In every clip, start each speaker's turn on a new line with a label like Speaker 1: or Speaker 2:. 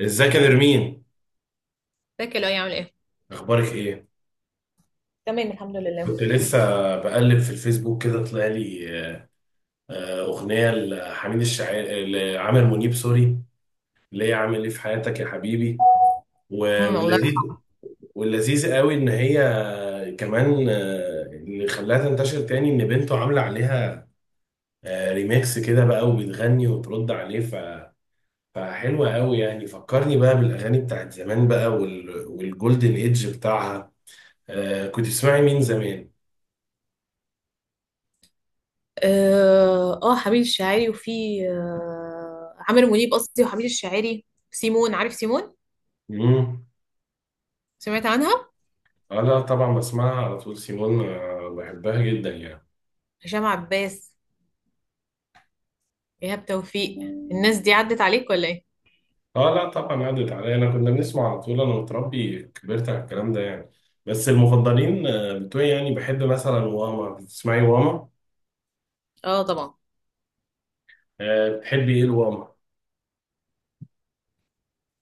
Speaker 1: ازيك يا نرمين،
Speaker 2: ازيك يا لؤي، عامل ايه؟
Speaker 1: اخبارك ايه؟
Speaker 2: تمام، الحمد لله.
Speaker 1: كنت لسه بقلب في الفيسبوك كده طلع لي اغنيه لحميد الشاعري لعامر منيب سوري اللي هي عامل ايه في حياتك يا حبيبي و-
Speaker 2: الله
Speaker 1: واللذيذ
Speaker 2: يرحمه.
Speaker 1: واللذيذ قوي ان هي كمان اللي خلاها تنتشر تاني ان بنته عامله عليها ريميكس كده بقى وبتغني وترد عليه فحلوه قوي يعني، فكرني بقى بالاغاني بتاعت زمان بقى والجولدن ايدج بتاعها. كنت بتسمعي مين زمان؟
Speaker 2: اه، حميد الشاعري. وفي عامر منيب قصدي، وحميد الشاعري. سيمون، عارف سيمون؟
Speaker 1: مم.
Speaker 2: سمعت عنها؟
Speaker 1: اه لا طبعا بسمعها على طول سيمون بحبها جدا يعني.
Speaker 2: هشام عباس، ايهاب توفيق، الناس دي عدت عليك ولا ايه؟
Speaker 1: اه لا طبعا عدت عليا، انا كنا بنسمع على طول، انا متربي كبرت على الكلام ده يعني. بس المفضلين بتوعي يعني بحب مثلا، واما بتسمعي واما
Speaker 2: اه، طبعا.
Speaker 1: آه، بتحبي ايه الواما؟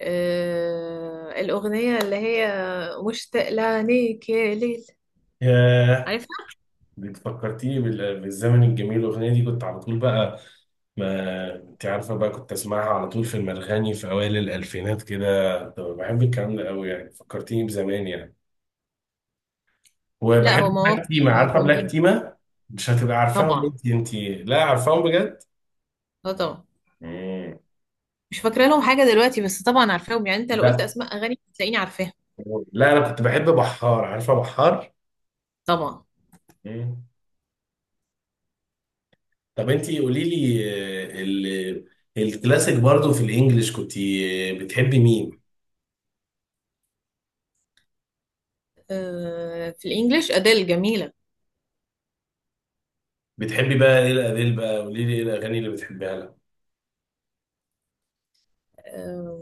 Speaker 2: الأغنية اللي هي مشتاق لعينيك يا ليل،
Speaker 1: ياه.
Speaker 2: عارفها؟
Speaker 1: بتفكرتيني بالزمن الجميل، الاغنيه دي كنت على طول بقى، ما انت عارفه بقى كنت اسمعها على طول في المرغني في اوائل الالفينات كده، طب بحب الكلام ده قوي يعني، فكرتيني بزمان يعني.
Speaker 2: لا، هو
Speaker 1: وبحب
Speaker 2: مواقف
Speaker 1: بلاك تيما، عارفه بلاك
Speaker 2: جامدين.
Speaker 1: تيما؟ مش هتبقى عارفاهم
Speaker 2: طبعا،
Speaker 1: انت انت. لا عارفاهم بجد.
Speaker 2: اه، طبعا.
Speaker 1: مم.
Speaker 2: مش فاكرة لهم حاجة دلوقتي، بس طبعا عارفاهم، يعني انت لو قلت
Speaker 1: لا
Speaker 2: اسماء اغاني هتلاقيني عارفاها.
Speaker 1: لا انا كنت بحب بحار، عارفه بحار؟
Speaker 2: طبعا.
Speaker 1: مم. طب انت قولي لي آه، ال- الكلاسيك برضو في الانجليش كنت بتحبي مين؟
Speaker 2: في الانجليش اديل جميله.
Speaker 1: بتحبي بقى ايه الاديل بقى؟ قولي لي ايه الاغاني اللي بتحبيها لها؟
Speaker 2: آه،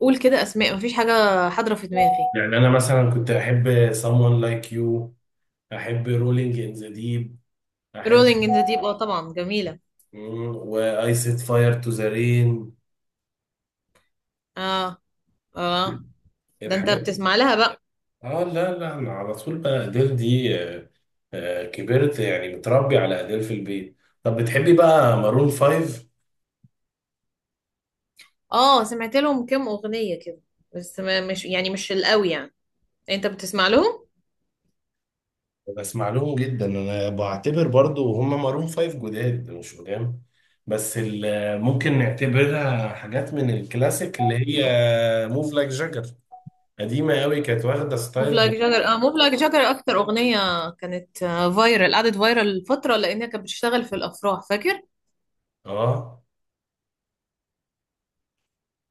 Speaker 2: قول كده اسماء، مفيش حاجه حاضره في دماغي.
Speaker 1: يعني انا مثلا كنت احب someone like you، احب rolling in the deep،
Speaker 2: رولينج ان
Speaker 1: احب
Speaker 2: ذا ديب، اه طبعا جميله.
Speaker 1: واي set fire to the rain،
Speaker 2: اه، اه. ده انت
Speaker 1: الحاجات.
Speaker 2: بتسمع لها بقى؟
Speaker 1: اه لا لا انا على طول بقى اديل دي. كبرت يعني متربي على اديل في البيت. طب بتحبي بقى مارون فايف؟
Speaker 2: اه، سمعت لهم كام اغنيه كده، بس ما مش، يعني مش القوي يعني. انت بتسمع لهم؟
Speaker 1: بسمع لهم جدا، انا بعتبر برضو هم مارون فايف جداد مش قدام، بس ممكن نعتبرها حاجات من الكلاسيك اللي هي موف لايك جاجر، قديمة قوي كانت واخدة
Speaker 2: موف لايك
Speaker 1: ستايل.
Speaker 2: جاجر. اه، موف لايك جاجر اكتر اغنيه كانت فايرال. قعدت فايرال فتره لانها كانت بتشتغل في الافراح، فاكر.
Speaker 1: اه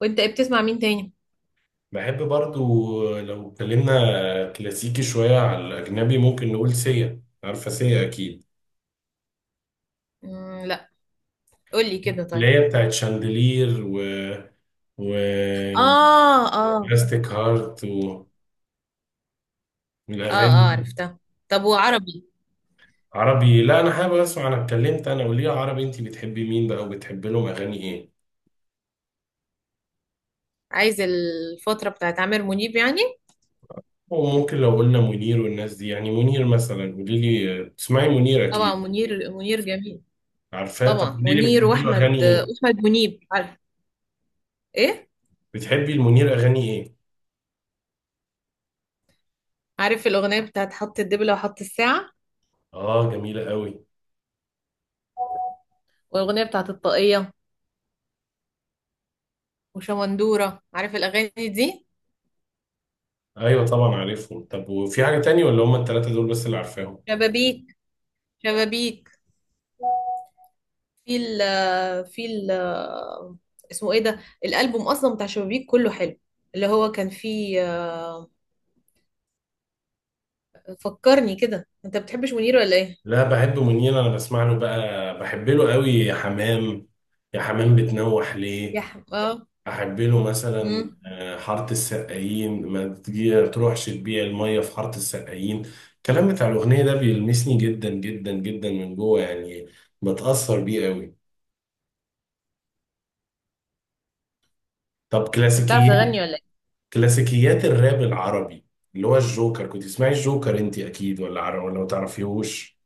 Speaker 2: وانت إيه بتسمع مين تاني؟
Speaker 1: بحب برضو لو اتكلمنا كلاسيكي شوية على الأجنبي ممكن نقول سيا، عارفة سيا أكيد؟
Speaker 2: مم، لا. قول لي كده
Speaker 1: اللي
Speaker 2: طيب.
Speaker 1: هي بتاعت شاندلير و
Speaker 2: اه، اه.
Speaker 1: بلاستيك هارت،
Speaker 2: اه،
Speaker 1: والأغاني
Speaker 2: اه،
Speaker 1: دي.
Speaker 2: عرفتها. طب، وعربي؟
Speaker 1: عربي، لا أنا حابب أسمع، أنا اتكلمت أنا وليه عربي، أنت بتحبي مين بقى وبتحبي لهم أغاني إيه؟
Speaker 2: عايز الفترة بتاعت عامر منيب يعني.
Speaker 1: وممكن لو قلنا منير والناس دي، يعني منير مثلا قولي لي تسمعي منير
Speaker 2: طبعا،
Speaker 1: أكيد؟
Speaker 2: منير، منير جميل.
Speaker 1: عارفاه، طب
Speaker 2: طبعا
Speaker 1: قولي لي
Speaker 2: منير،
Speaker 1: بتحبي له أغاني
Speaker 2: واحمد
Speaker 1: إيه؟
Speaker 2: واحمد منيب، عارف ايه؟
Speaker 1: بتحبي المنير أغاني إيه؟
Speaker 2: عارف الاغنية بتاعت حط الدبلة وحط الساعة،
Speaker 1: آه جميلة قوي.
Speaker 2: والاغنية بتاعت الطاقية، وشمندورة؟ عارف الاغاني دي؟
Speaker 1: أيوة طبعا عارفهم، طب وفي حاجة تانية ولا هما التلاتة دول بس اللي عارفاهم؟
Speaker 2: شبابيك، شبابيك، في ال في ال اسمه ايه ده الالبوم اصلا بتاع شبابيك؟ كله حلو، اللي هو كان فيه. آه، فكرني كده، انت بتحبش منير ولا ايه؟
Speaker 1: لا بحبه، منين انا بسمع له بقى، بحب له قوي يا حمام، يا حمام بتنوح ليه،
Speaker 2: اه.
Speaker 1: احب له مثلا
Speaker 2: امم.
Speaker 1: حاره السقايين، ما تجي تروحش تبيع الميه في حاره السقايين، الكلام بتاع الاغنيه ده بيلمسني جدا جدا جدا من جوه يعني، بتاثر بيه قوي. طب
Speaker 2: انت بتعرف تغني ولا؟
Speaker 1: كلاسيكيات الراب العربي اللي هو الجوكر، كنت تسمعي الجوكر انت اكيد ولا ما تعرفيهوش؟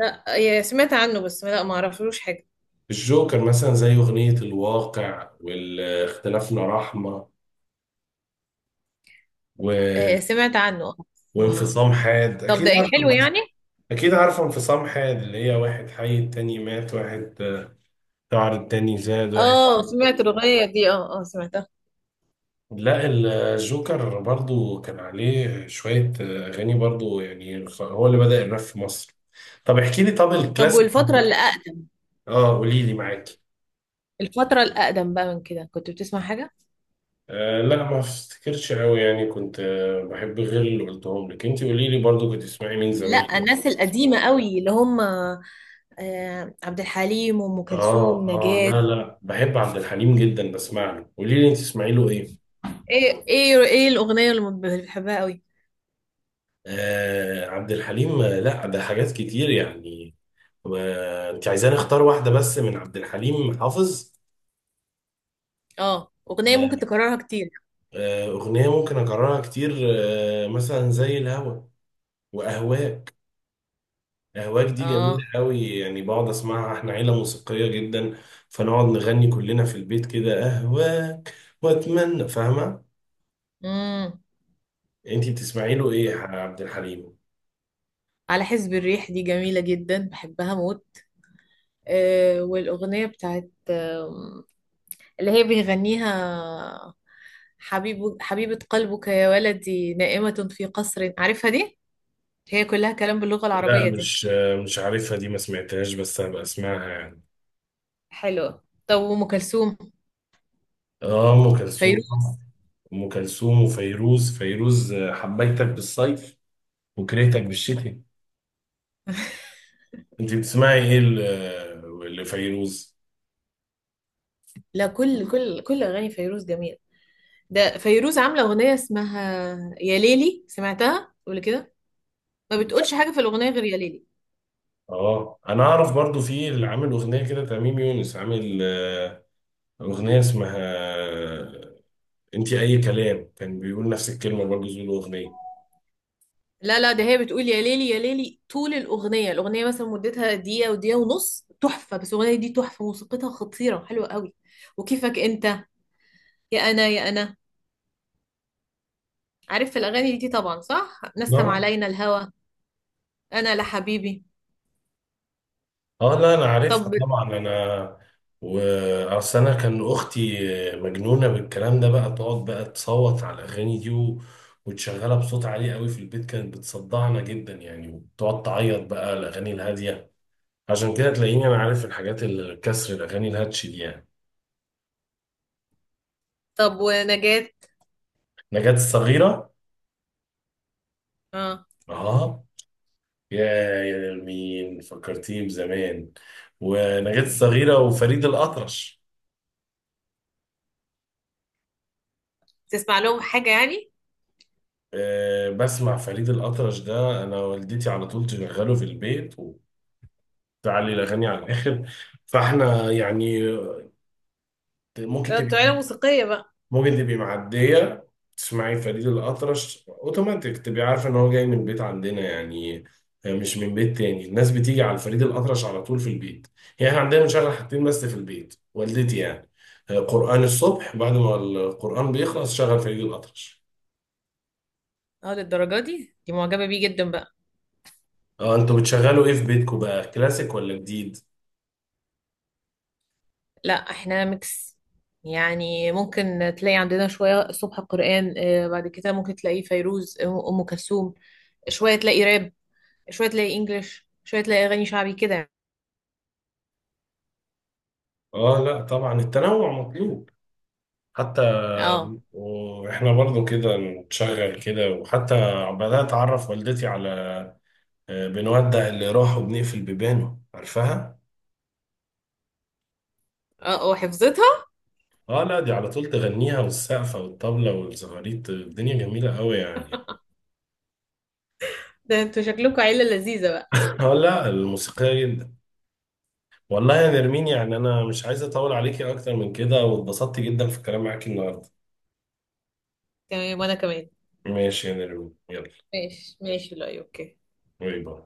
Speaker 2: لا، سمعت عنه بس، لا، ما اعرفلوش حاجة.
Speaker 1: الجوكر مثلا زي اغنيه الواقع واختلافنا رحمه و...
Speaker 2: سمعت عنه. ما.
Speaker 1: وانفصام حاد،
Speaker 2: طب ده
Speaker 1: اكيد
Speaker 2: ايه،
Speaker 1: عارفه
Speaker 2: حلو يعني.
Speaker 1: اكيد عارفه انفصام حاد اللي هي واحد حي التاني مات واحد، شعر التاني زاد واحد.
Speaker 2: اه، سمعت الأغنية دي، اه، اه، سمعتها.
Speaker 1: لا الجوكر برضو كان عليه شوية أغاني برضو يعني هو اللي بدأ الراب في مصر. طب احكي لي، طب
Speaker 2: طب
Speaker 1: الكلاسيك،
Speaker 2: والفترة اللي أقدم؟
Speaker 1: اه قولي لي معاكي.
Speaker 2: الفترة الأقدم بقى من كده كنت بتسمع حاجة؟
Speaker 1: آه لا ما افتكرش قوي يعني كنت بحب غير اللي قلتهم لك، انت قولي لي برضو كنت تسمعي مين زمان؟
Speaker 2: لا، الناس القديمة قوي اللي هم عبد الحليم وأم
Speaker 1: اه
Speaker 2: كلثوم،
Speaker 1: اه
Speaker 2: نجاة.
Speaker 1: لا لا بحب عبد الحليم جدا بسمع له، قولي لي انت تسمعي له ايه؟
Speaker 2: ايه، الأغنية اللي ما بتحبها قوي؟
Speaker 1: آه عبد الحليم، لا ده حاجات كتير يعني، انت عايزاني اختار واحدة بس من عبد الحليم حافظ؟
Speaker 2: اه، أغنية
Speaker 1: آه،
Speaker 2: ممكن تكررها كتير.
Speaker 1: أغنية ممكن أكررها كتير، مثلا زي الهوى وأهواك. أهواك دي
Speaker 2: اه،
Speaker 1: جميلة قوي يعني، بقعد أسمعها، إحنا عيلة موسيقية جدا فنقعد نغني كلنا في البيت كده أهواك وأتمنى، فاهمة؟
Speaker 2: امم.
Speaker 1: أنت بتسمعي له إيه يا عبد الحليم؟
Speaker 2: على حسب الريح دي جميلة جدا، بحبها موت. والأغنية بتاعت اللي هي بيغنيها حبيبة قلبك يا ولدي نائمة في قصر، عارفها دي؟ هي كلها كلام باللغة
Speaker 1: لا،
Speaker 2: العربية دي.
Speaker 1: مش عارفها دي، ما سمعتهاش بس هبقى أسمعها يعني.
Speaker 2: حلوة. طب، وأم كلثوم؟
Speaker 1: آه أم كلثوم
Speaker 2: فيروز.
Speaker 1: طبعا. ام كلثوم وفيروز. فيروز، حبيتك بالصيف وكرهتك بالشتاء. انت بتسمعي ايه لفيروز؟
Speaker 2: لا، كل أغاني فيروز جميلة. ده فيروز عاملة أغنية اسمها يا ليلي، سمعتها قبل كده؟ ما بتقولش حاجة في الأغنية غير يا ليلي.
Speaker 1: اه انا اعرف برضو في اللي عامل اغنيه كده تميم يونس عامل اغنيه اسمها انت اي كلام، كان بيقول نفس الكلمه برضو زي الاغنيه.
Speaker 2: لا، لا، ده هي بتقول يا ليلي يا ليلي طول الأغنية. الأغنية مثلا مدتها دقيقة، ودقيقة ونص، تحفة. بس الأغنية دي تحفة، موسيقتها خطيرة، حلوة قوي. وكيفك أنت، يا أنا يا أنا، عارف الأغاني دي طبعا؟ صح، نسم
Speaker 1: اه
Speaker 2: علينا الهوى، أنا لحبيبي.
Speaker 1: اه لا انا عارفها
Speaker 2: طب.
Speaker 1: طبعا، انا واصل، انا كان اختي مجنونه بالكلام ده بقى، تقعد بقى تصوت على الاغاني دي وتشغلها بصوت عالي قوي في البيت، كانت بتصدعنا جدا يعني، وتقعد تعيط بقى الاغاني الهاديه، عشان كده تلاقيني انا عارف الحاجات الكسر الاغاني الهاتش دي يعني.
Speaker 2: ونجاة.
Speaker 1: نجاة الصغيره.
Speaker 2: اه،
Speaker 1: اه يا يا مين فكرتيه بزمان، ونجاة الصغيره وفريد الاطرش.
Speaker 2: تسمع لهم حاجة يعني.
Speaker 1: أه بسمع فريد الأطرش، ده أنا والدتي على طول تشغله في البيت وتعلي الأغاني على الآخر، فإحنا يعني ممكن تبقي
Speaker 2: طلع موسيقية بقى.
Speaker 1: ممكن تبقي معدية تسمعي فريد الأطرش أوتوماتيك تبقي عارفة إن هو جاي من بيت عندنا يعني، مش من بيت تاني الناس بتيجي على فريد الأطرش على طول في البيت يعني، إحنا عندنا بنشغل حاجتين بس في البيت والدتي يعني قرآن الصبح، بعد ما القرآن بيخلص شغل فريد الأطرش.
Speaker 2: اه، للدرجة دي معجبة بيه جدا بقى.
Speaker 1: اه انتوا بتشغلوا ايه في بيتكم بقى، كلاسيك ولا جديد؟
Speaker 2: لا، احنا ميكس. يعني ممكن تلاقي عندنا شوية الصبح قرآن، بعد كده ممكن تلاقيه فيروز، أم كلثوم. شوية تلاقي راب، شوية تلاقي انجليش، شوية تلاقي أغاني شعبي كده.
Speaker 1: اه لا طبعا التنوع مطلوب حتى،
Speaker 2: اه،
Speaker 1: واحنا برضو كده نشغل كده، وحتى بدأت اعرف والدتي على بنودع اللي راح وبنقفل بيبانه، عارفاها؟
Speaker 2: اه، وحفظتها.
Speaker 1: اه لا دي على طول تغنيها والسقفة والطبلة والزغاريت، الدنيا جميلة قوي يعني.
Speaker 2: ده انتوا شكلكم عيلة لذيذة بقى.
Speaker 1: اه لا، الموسيقية جدا. والله يا نرمين يعني انا مش عايز اطول عليكي اكتر من كده، واتبسطت جدا في الكلام معاكي النهارده.
Speaker 2: تمام، وانا كمان.
Speaker 1: ماشي يا نرمين، يلا.
Speaker 2: ماشي، ماشي. لا، اوكي.
Speaker 1: باي باي.